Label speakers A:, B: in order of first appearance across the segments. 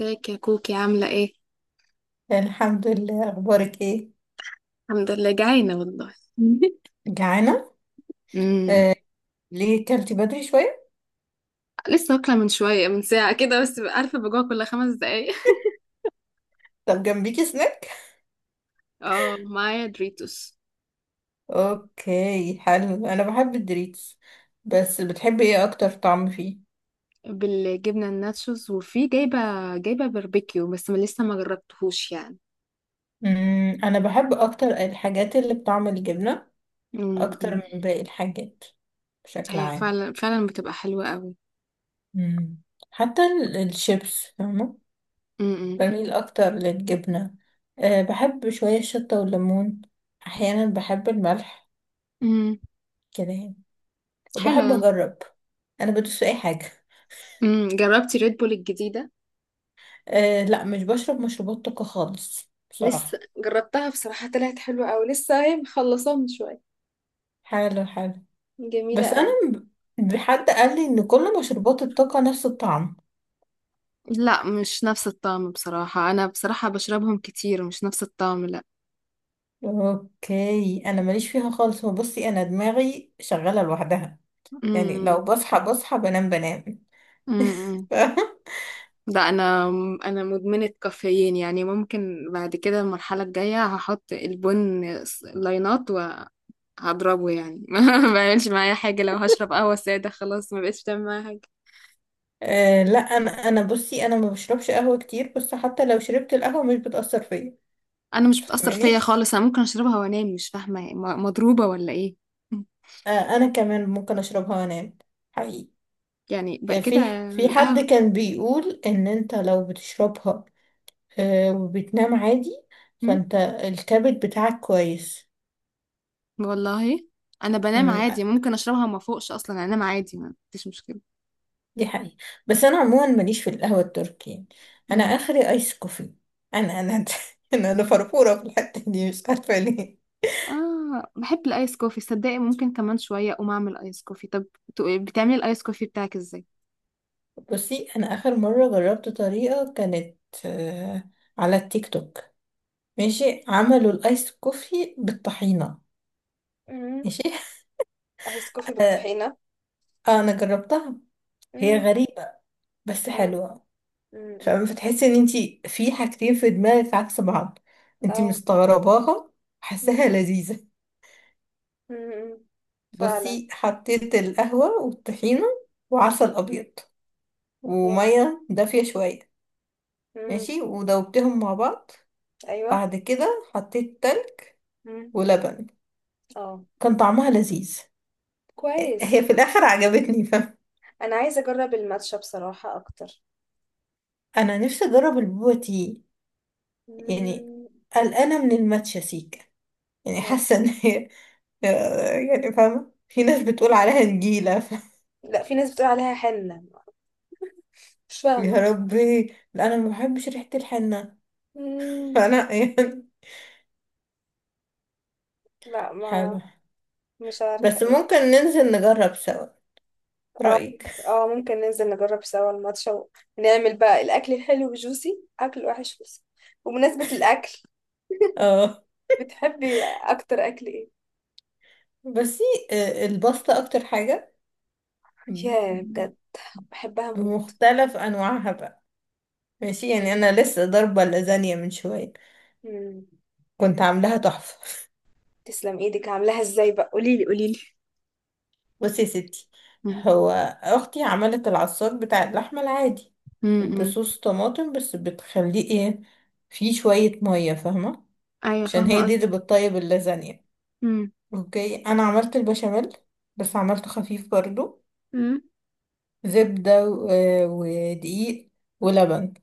A: ازيك يا كوكي، عاملة ايه؟
B: الحمد لله، اخبارك ايه؟
A: الحمد لله، جعانة والله.
B: جعانه.
A: امم.
B: آه، ليه كلتي بدري شويه؟
A: لسه واكلة من شوية، من ساعة كده، بس عارفة بجوع كل خمس دقايق.
B: طب جنبيكي سناك؟
A: اه، معايا دريتوس
B: اوكي، حلو، انا بحب الدريتس. بس بتحبي ايه اكتر طعم فيه؟
A: بالجبنة الناتشوز، وفي جايبة باربيكيو بس ما لسه ما جربتهوش يعني.
B: انا بحب اكتر الحاجات اللي بطعم الجبنه، اكتر
A: امم.
B: من باقي الحاجات، بشكل
A: هي
B: عام.
A: فعلا فعلا بتبقى حلوة قوي.
B: امم. حتى الشيبس، فاهمه.
A: امم.
B: بميل اكتر للجبنه. بحب شويه الشطه والليمون، احيانا بحب الملح.
A: امم.
B: كده يعني. بحب
A: حلوة.
B: اجرب. انا بدوس في اي حاجه.
A: جربتي ريد بول الجديدة؟
B: أه، لا، مش بشرب مشروبات طاقه خالص
A: لسه
B: بصراحه.
A: جربتها بصراحة، طلعت حلوة قوي، لسه هي مخلصاها من شوية.
B: حاله حاله.
A: جميلة
B: بس انا،
A: قوي.
B: حد قال لي ان كل مشروبات الطاقه نفس الطعم.
A: لا، مش نفس الطعم بصراحة، أنا بصراحة بشربهم كتير، مش نفس الطعم لا.
B: اوكي، انا ماليش فيها خالص. هو بصي، انا دماغي شغاله لوحدها.
A: امم.
B: يعني
A: امم.
B: لو بصحى بصحى، بنام بنام.
A: إمم، إمم.
B: ف...
A: لا، أنا مدمنة كافيين، يعني ممكن بعد كده المرحلة الجاية هحط البن لاينات وهضربه يعني. ما بعملش معايا حاجة، لو هشرب قهوة سادة خلاص ما بقتش بتعمل معايا حاجة.
B: أه، لا، انا بصي، انا ما بشربش قهوه كتير، بس حتى لو شربت القهوه مش بتاثر فيا.
A: أنا مش بتأثر
B: فاهماني؟
A: فيا خالص، أنا ممكن أشربها وأنام، مش فاهمة مضروبة ولا إيه.
B: أه. انا كمان ممكن اشربها وانام. حقيقي.
A: يعني بقى
B: آه،
A: كده.
B: في حد
A: القهوة.
B: كان بيقول ان انت لو بتشربها آه، وبتنام عادي،
A: إمم.
B: فانت الكبد بتاعك كويس.
A: والله انا بنام
B: مم.
A: عادي، ممكن اشربها ما فوقش اصلا، انام عادي، ما فيش مشكله.
B: دي حقيقة. بس انا عموما ماليش في القهوة التركي يعني. انا
A: مم.
B: اخري ايس كوفي. انا انا فرفورة في الحتة دي، مش عارفة ليه.
A: اه، بحب الايس كوفي صدقي، ممكن كمان شويه اقوم اعمل ايس كوفي. طب بتعملي الايس كوفي بتاعك ازاي؟
B: بصي، انا اخر مرة جربت طريقة كانت آه، على التيك توك. ماشي، عملوا الايس كوفي بالطحينة.
A: مم.
B: ماشي.
A: ايس كوفي
B: آه.
A: بالطحينة.
B: آه، انا جربتها. هي
A: مم.
B: غريبة، بس
A: اه.
B: حلوة.
A: مم.
B: فاهمة؟ فتحسي ان انتي في حاجتين في دماغك عكس بعض. انتي
A: اه.
B: مستغرباها،
A: مم.
B: حاساها لذيذة.
A: مم. فعلا.
B: بصي، حطيت القهوة والطحينة، وعسل أبيض،
A: yeah.
B: ومية دافية شوية.
A: مم.
B: ماشي، ودوبتهم مع بعض.
A: ايوه.
B: بعد كده حطيت تلج
A: مم.
B: ولبن.
A: اه.
B: كان طعمها لذيذ. هي
A: كويس.
B: في الآخر عجبتني، فاهمة.
A: انا عايزة اجرب الماتشا بصراحة اكتر.
B: أنا نفسي أجرب البوبا تي. يعني،
A: مم.
B: قلقانة من الماتشا سيكا. يعني
A: لا.
B: حاسة إن هي... يعني، فاهمة، في ناس بتقول عليها نجيلة.
A: لا، في ناس بتقول عليها حنة. مش
B: يا
A: فاهمة.
B: ربي. لا، انا ما بحبش ريحة الحنة.
A: مم.
B: فانا يعني،
A: لا ما
B: حلو.
A: مش عارفة
B: بس
A: ايه.
B: ممكن ننزل نجرب سوا.
A: اه.
B: رأيك؟
A: اه، ممكن ننزل نجرب سوا الماتش، ونعمل بقى الأكل الحلو جوسي، أكل الوحش جوسي. وبمناسبة الأكل،
B: اه.
A: بتحبي أكتر أكل ايه؟
B: بس الباستا اكتر حاجة،
A: ياه، بجد. بحبها موت.
B: بمختلف انواعها بقى. ماشي، يعني انا لسه ضاربة اللازانيا من شوية.
A: مم.
B: كنت عاملاها تحفة.
A: تسلم ايدك، عاملاها ازاي بقى؟ قوليلي قوليلي.
B: بصي يا ستي،
A: مم.
B: هو اختي عملت العصاج بتاع اللحمة العادي،
A: مم. مم.
B: بصوص طماطم، بس بتخليه ايه، فيه شوية مية، فاهمة،
A: ايوه،
B: عشان
A: فاهمه
B: هي دي اللي
A: قصدك.
B: بتطيب اللازانيا.
A: مم.
B: اوكي، انا عملت البشاميل، بس عملته خفيف برضو.
A: مم.
B: زبدة ودقيق ولبن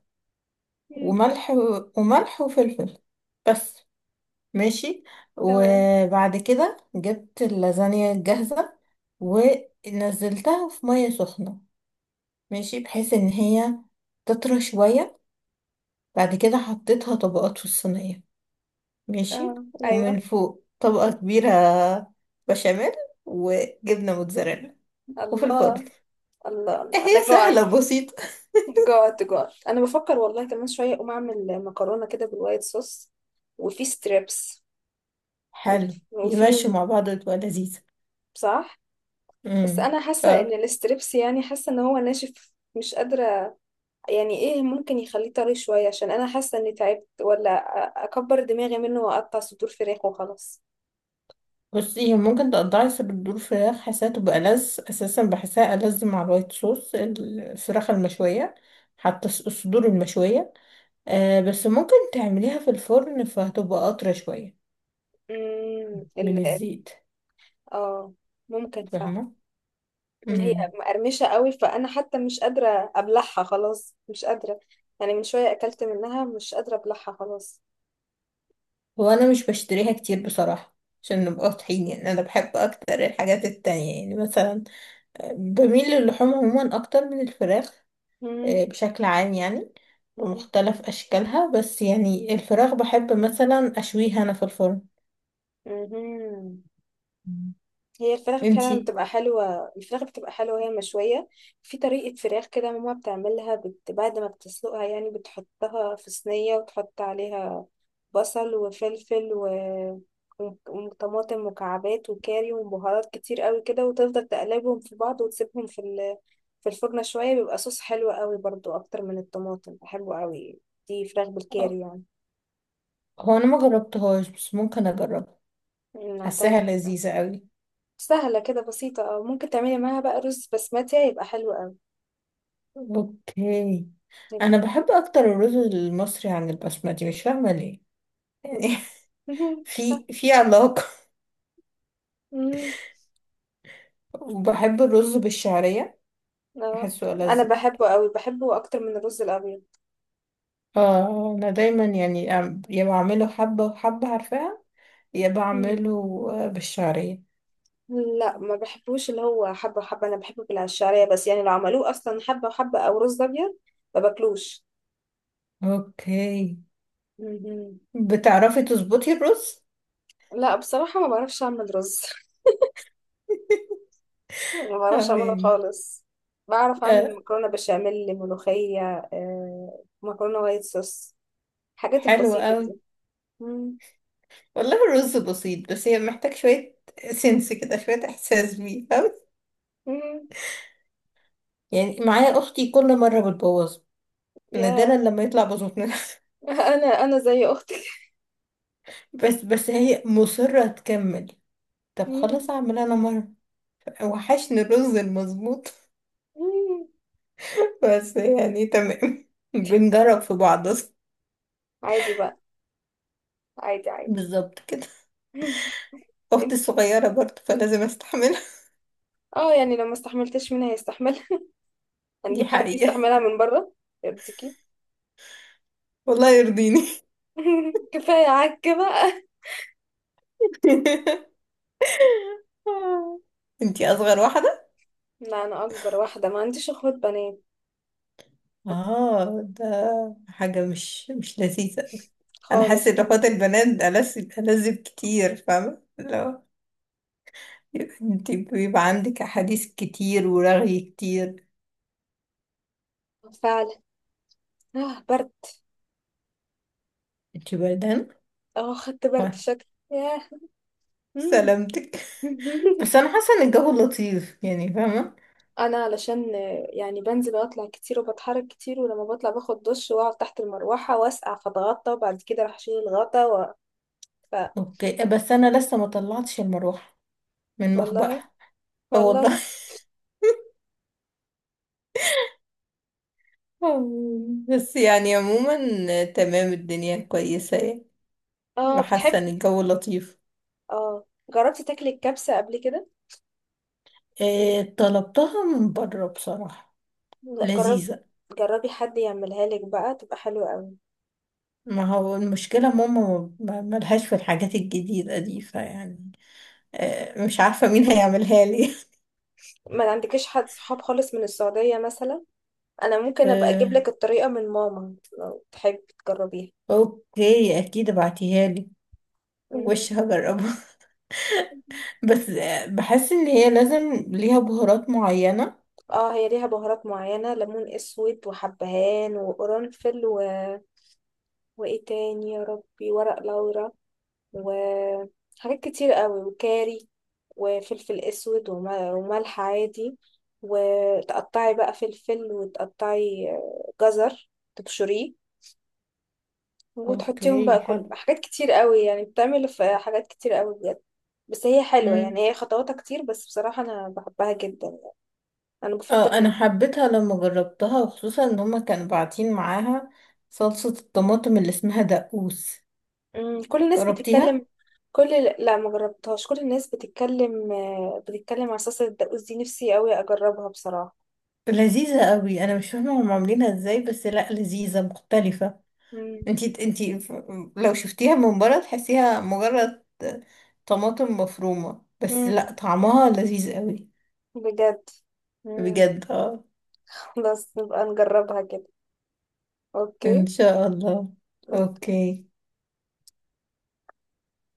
A: مم.
B: وملح وملح وفلفل، بس. ماشي.
A: تمام.
B: وبعد كده جبت اللازانيا الجاهزة، ونزلتها في مية سخنة، ماشي، بحيث ان هي تطرى شوية. بعد كده حطيتها طبقات في الصينية، ماشي،
A: اه، ايوه.
B: ومن فوق طبقة كبيرة بشاميل وجبنة موتزاريلا، وفي الفرن.
A: الله. الله
B: إيه،
A: الله،
B: هي
A: انا
B: سهلة
A: جوعت.
B: بسيطة.
A: جاد جاد، انا بفكر والله كمان شويه اقوم اعمل مكرونه كده بالوايت صوص، وفي ستريبس.
B: حلو،
A: وفي.
B: يمشي مع بعض تبقى لذيذة.
A: صح. بس
B: امم.
A: انا حاسه ان
B: طب
A: الستريبس يعني حاسه ان هو ناشف، مش قادره. يعني ايه ممكن يخليه طري شويه؟ عشان انا حاسه اني تعبت، ولا اكبر دماغي منه واقطع صدور فراخ وخلاص.
B: بصي، ممكن تقطعي صدور فراخ، حاساها تبقى ألذ أساسا، بحسها ألذ مع الوايت صوص الفراخ المشوية، حتى الصدور المشوية. بس ممكن تعمليها في الفرن فهتبقى قطرة شوية
A: امم ال
B: من
A: ال-
B: الزيت،
A: اه، ممكن فعلا.
B: فاهمة.
A: هي
B: امم.
A: مقرمشه قوي، فانا حتى مش قادره ابلعها خلاص، مش قادره. يعني من شويه اكلت منها، مش قادره ابلعها خلاص.
B: هو أنا مش بشتريها كتير بصراحة، عشان نبقى واضحين، يعني أنا بحب أكتر الحاجات التانية، يعني مثلا بميل للحوم عموما اكتر من الفراخ،
A: مم.
B: بشكل عام يعني.
A: مهم.
B: ومختلف أشكالها، بس يعني الفراخ بحب مثلا أشويها أنا في الفرن.
A: مهم.
B: مم.
A: هي الفراخ فعلا
B: انتي،
A: بتبقى حلوة، الفراخ بتبقى حلوة وهي مشوية. في طريقة فراخ كده ماما بتعملها، بعد ما بتسلقها، يعني بتحطها في صينية وتحط عليها بصل وفلفل وطماطم مكعبات وكاري وبهارات كتير قوي كده، وتفضل تقلبهم في بعض وتسيبهم في في الفرن شوية، بيبقى صوص حلو قوي برضو، أكتر من الطماطم بحبه قوي. دي فراخ
B: آه،
A: بالكاري يعني.
B: هو أنا ما جربتهاش بس ممكن أجربها.
A: نعتقد.
B: حاساها لذيذة قوي.
A: سهلة كده بسيطة. اه، ممكن تعملي معاها بقى رز بسمتي، هيبقى حلو أوي.
B: اوكي.
A: هيبقى
B: أنا
A: تحفة.
B: بحب أكتر الرز المصري عن البسمتي، مش فاهمة ليه. يعني،
A: مهم. صح.
B: في علاقة.
A: مم.
B: وبحب الرز بالشعرية،
A: اه،
B: بحسه
A: أنا
B: ألذ برضه.
A: بحبه أوي، بحبه أكتر من الرز الأبيض.
B: اه، أنا دايما، يعني، يا بعمله حبة وحبة، عارفاها، يا
A: مم.
B: بعمله بالشعرية.
A: لا، ما بحبوش اللي هو حبة وحبة، أنا بحبه بالعشارية. بس يعني لو عملوه أصلا حبة وحبة أو رز أبيض ما باكلوش.
B: اوكي.
A: مم.
B: بتعرفي تظبطي الرز؟
A: لا، بصراحة ما بعرفش أعمل رز. ما بعرفش أعمله
B: تمام.
A: خالص. بعرف أعمل
B: آه.
A: مكرونة بشاميل، ملوخية، آه، مكرونة وايت صوص، الحاجات
B: حلو
A: البسيطة
B: قوي.
A: دي. مم.
B: والله الرز بسيط، بس هي محتاج شوية سنس كده، شوية احساس بيه، فاهمة.
A: مم.
B: يعني معايا اختي، كل مرة بتبوظ.
A: يا
B: نادرا لما يطلع بظبط.
A: انا زي اختك.
B: بس هي مصرة تكمل. طب خلاص
A: مم.
B: اعمل انا مرة. وحشني الرز المظبوط.
A: مم.
B: بس يعني تمام. بنجرب في بعض.
A: عادي بقى. عادي عادي.
B: بالظبط كده. اختي
A: انت
B: الصغيرة برضه، فلازم استحملها.
A: اه، يعني لو ما استحملتش منها هيستحملها.
B: دي
A: هنجيب حد
B: حقيقة.
A: يستحملها من بره. يرضيكي؟
B: والله يرضيني.
A: كفايه عك بقى.
B: انتي اصغر واحده؟
A: لا، انا اكبر واحده، ما عنديش اخوات بنات
B: اه، ده حاجه مش لذيذه أوي. انا
A: خالص
B: حاسه ان
A: خالص.
B: اخوات البنات ألذ ألذ كتير، فاهمه، لو انتي بيبقى عندك احاديث كتير، ورغي كتير.
A: فعلا. اه، برد.
B: انتي بردان؟
A: اه، خدت برد
B: وا-
A: شكل. ياه. مم.
B: سلامتك. بس انا حاسه ان الجو لطيف، يعني فاهمه.
A: انا علشان آه، يعني بنزل واطلع كتير، وبتحرك كتير، ولما بطلع باخد دش واقعد تحت المروحه واسقع، فاتغطى، وبعد كده راح اتغطى ف...
B: اوكي، بس انا لسه ما طلعتش المروحه من
A: والله.
B: مخبأها. آه
A: والله.
B: والله. بس يعني عموما، تمام الدنيا كويسه يعني.
A: اه
B: وحاسه ان
A: بتحبي
B: الجو لطيف.
A: اه، جربتي تاكلي الكبسة قبل كده؟
B: إيه، طلبتها من بره بصراحه.
A: لا جرب
B: لذيذه.
A: جربي حد يعملها لك بقى، تبقى حلوة قوي.
B: ما هو المشكله، ماما ملهاش في الحاجات الجديده دي، فيعني إيه، مش عارفه مين هيعملها لي.
A: ما عندكيش حد صحاب خالص من السعودية مثلا؟ انا ممكن ابقى اجيب
B: إيه،
A: لك الطريقة من ماما لو تحبي تجربيها.
B: اوكي، اكيد ابعتيها لي،
A: مهم.
B: وش هجربها. بس بحس ان هي لازم ليها بهارات معينه.
A: اه، هي ليها بهارات معينة، ليمون اسود وحبهان وقرنفل وايه تاني يا ربي، ورق لورا، وحاجات كتير قوي وكاري، وفلفل اسود وملح عادي. وتقطعي بقى فلفل، وتقطعي آه، جزر، تبشريه، وتحطيهم
B: اوكي
A: بقى، كل
B: حلو.
A: حاجات كتير قوي، يعني بتعمل في حاجات كتير قوي بجد. بس هي حلوة
B: مم.
A: يعني، هي خطواتها كتير، بس بصراحة أنا بحبها جدا. أنا
B: اه، انا
A: بفضل
B: حبيتها لما جربتها، وخصوصا ان هما كانوا باعتين معاها صلصه الطماطم اللي اسمها دقوس.
A: أمم، كل الناس
B: جربتيها؟
A: بتتكلم. كل لا، ما جربتهاش، كل الناس بتتكلم، آه، بتتكلم على صلصة الدقوس دي، نفسي قوي أجربها بصراحة.
B: لذيذة قوي، انا مش فاهمة هم عاملينها ازاي، بس لا، لذيذة مختلفة.
A: مم.
B: انتي لو شفتيها من بره تحسيها مجرد طماطم مفرومة، بس
A: مم.
B: لا، طعمها لذيذ قوي.
A: بجد. مم.
B: بجد، اه.
A: خلاص نبقى نجربها كده. اوكي.
B: ان شاء الله.
A: أوكي.
B: اوكي.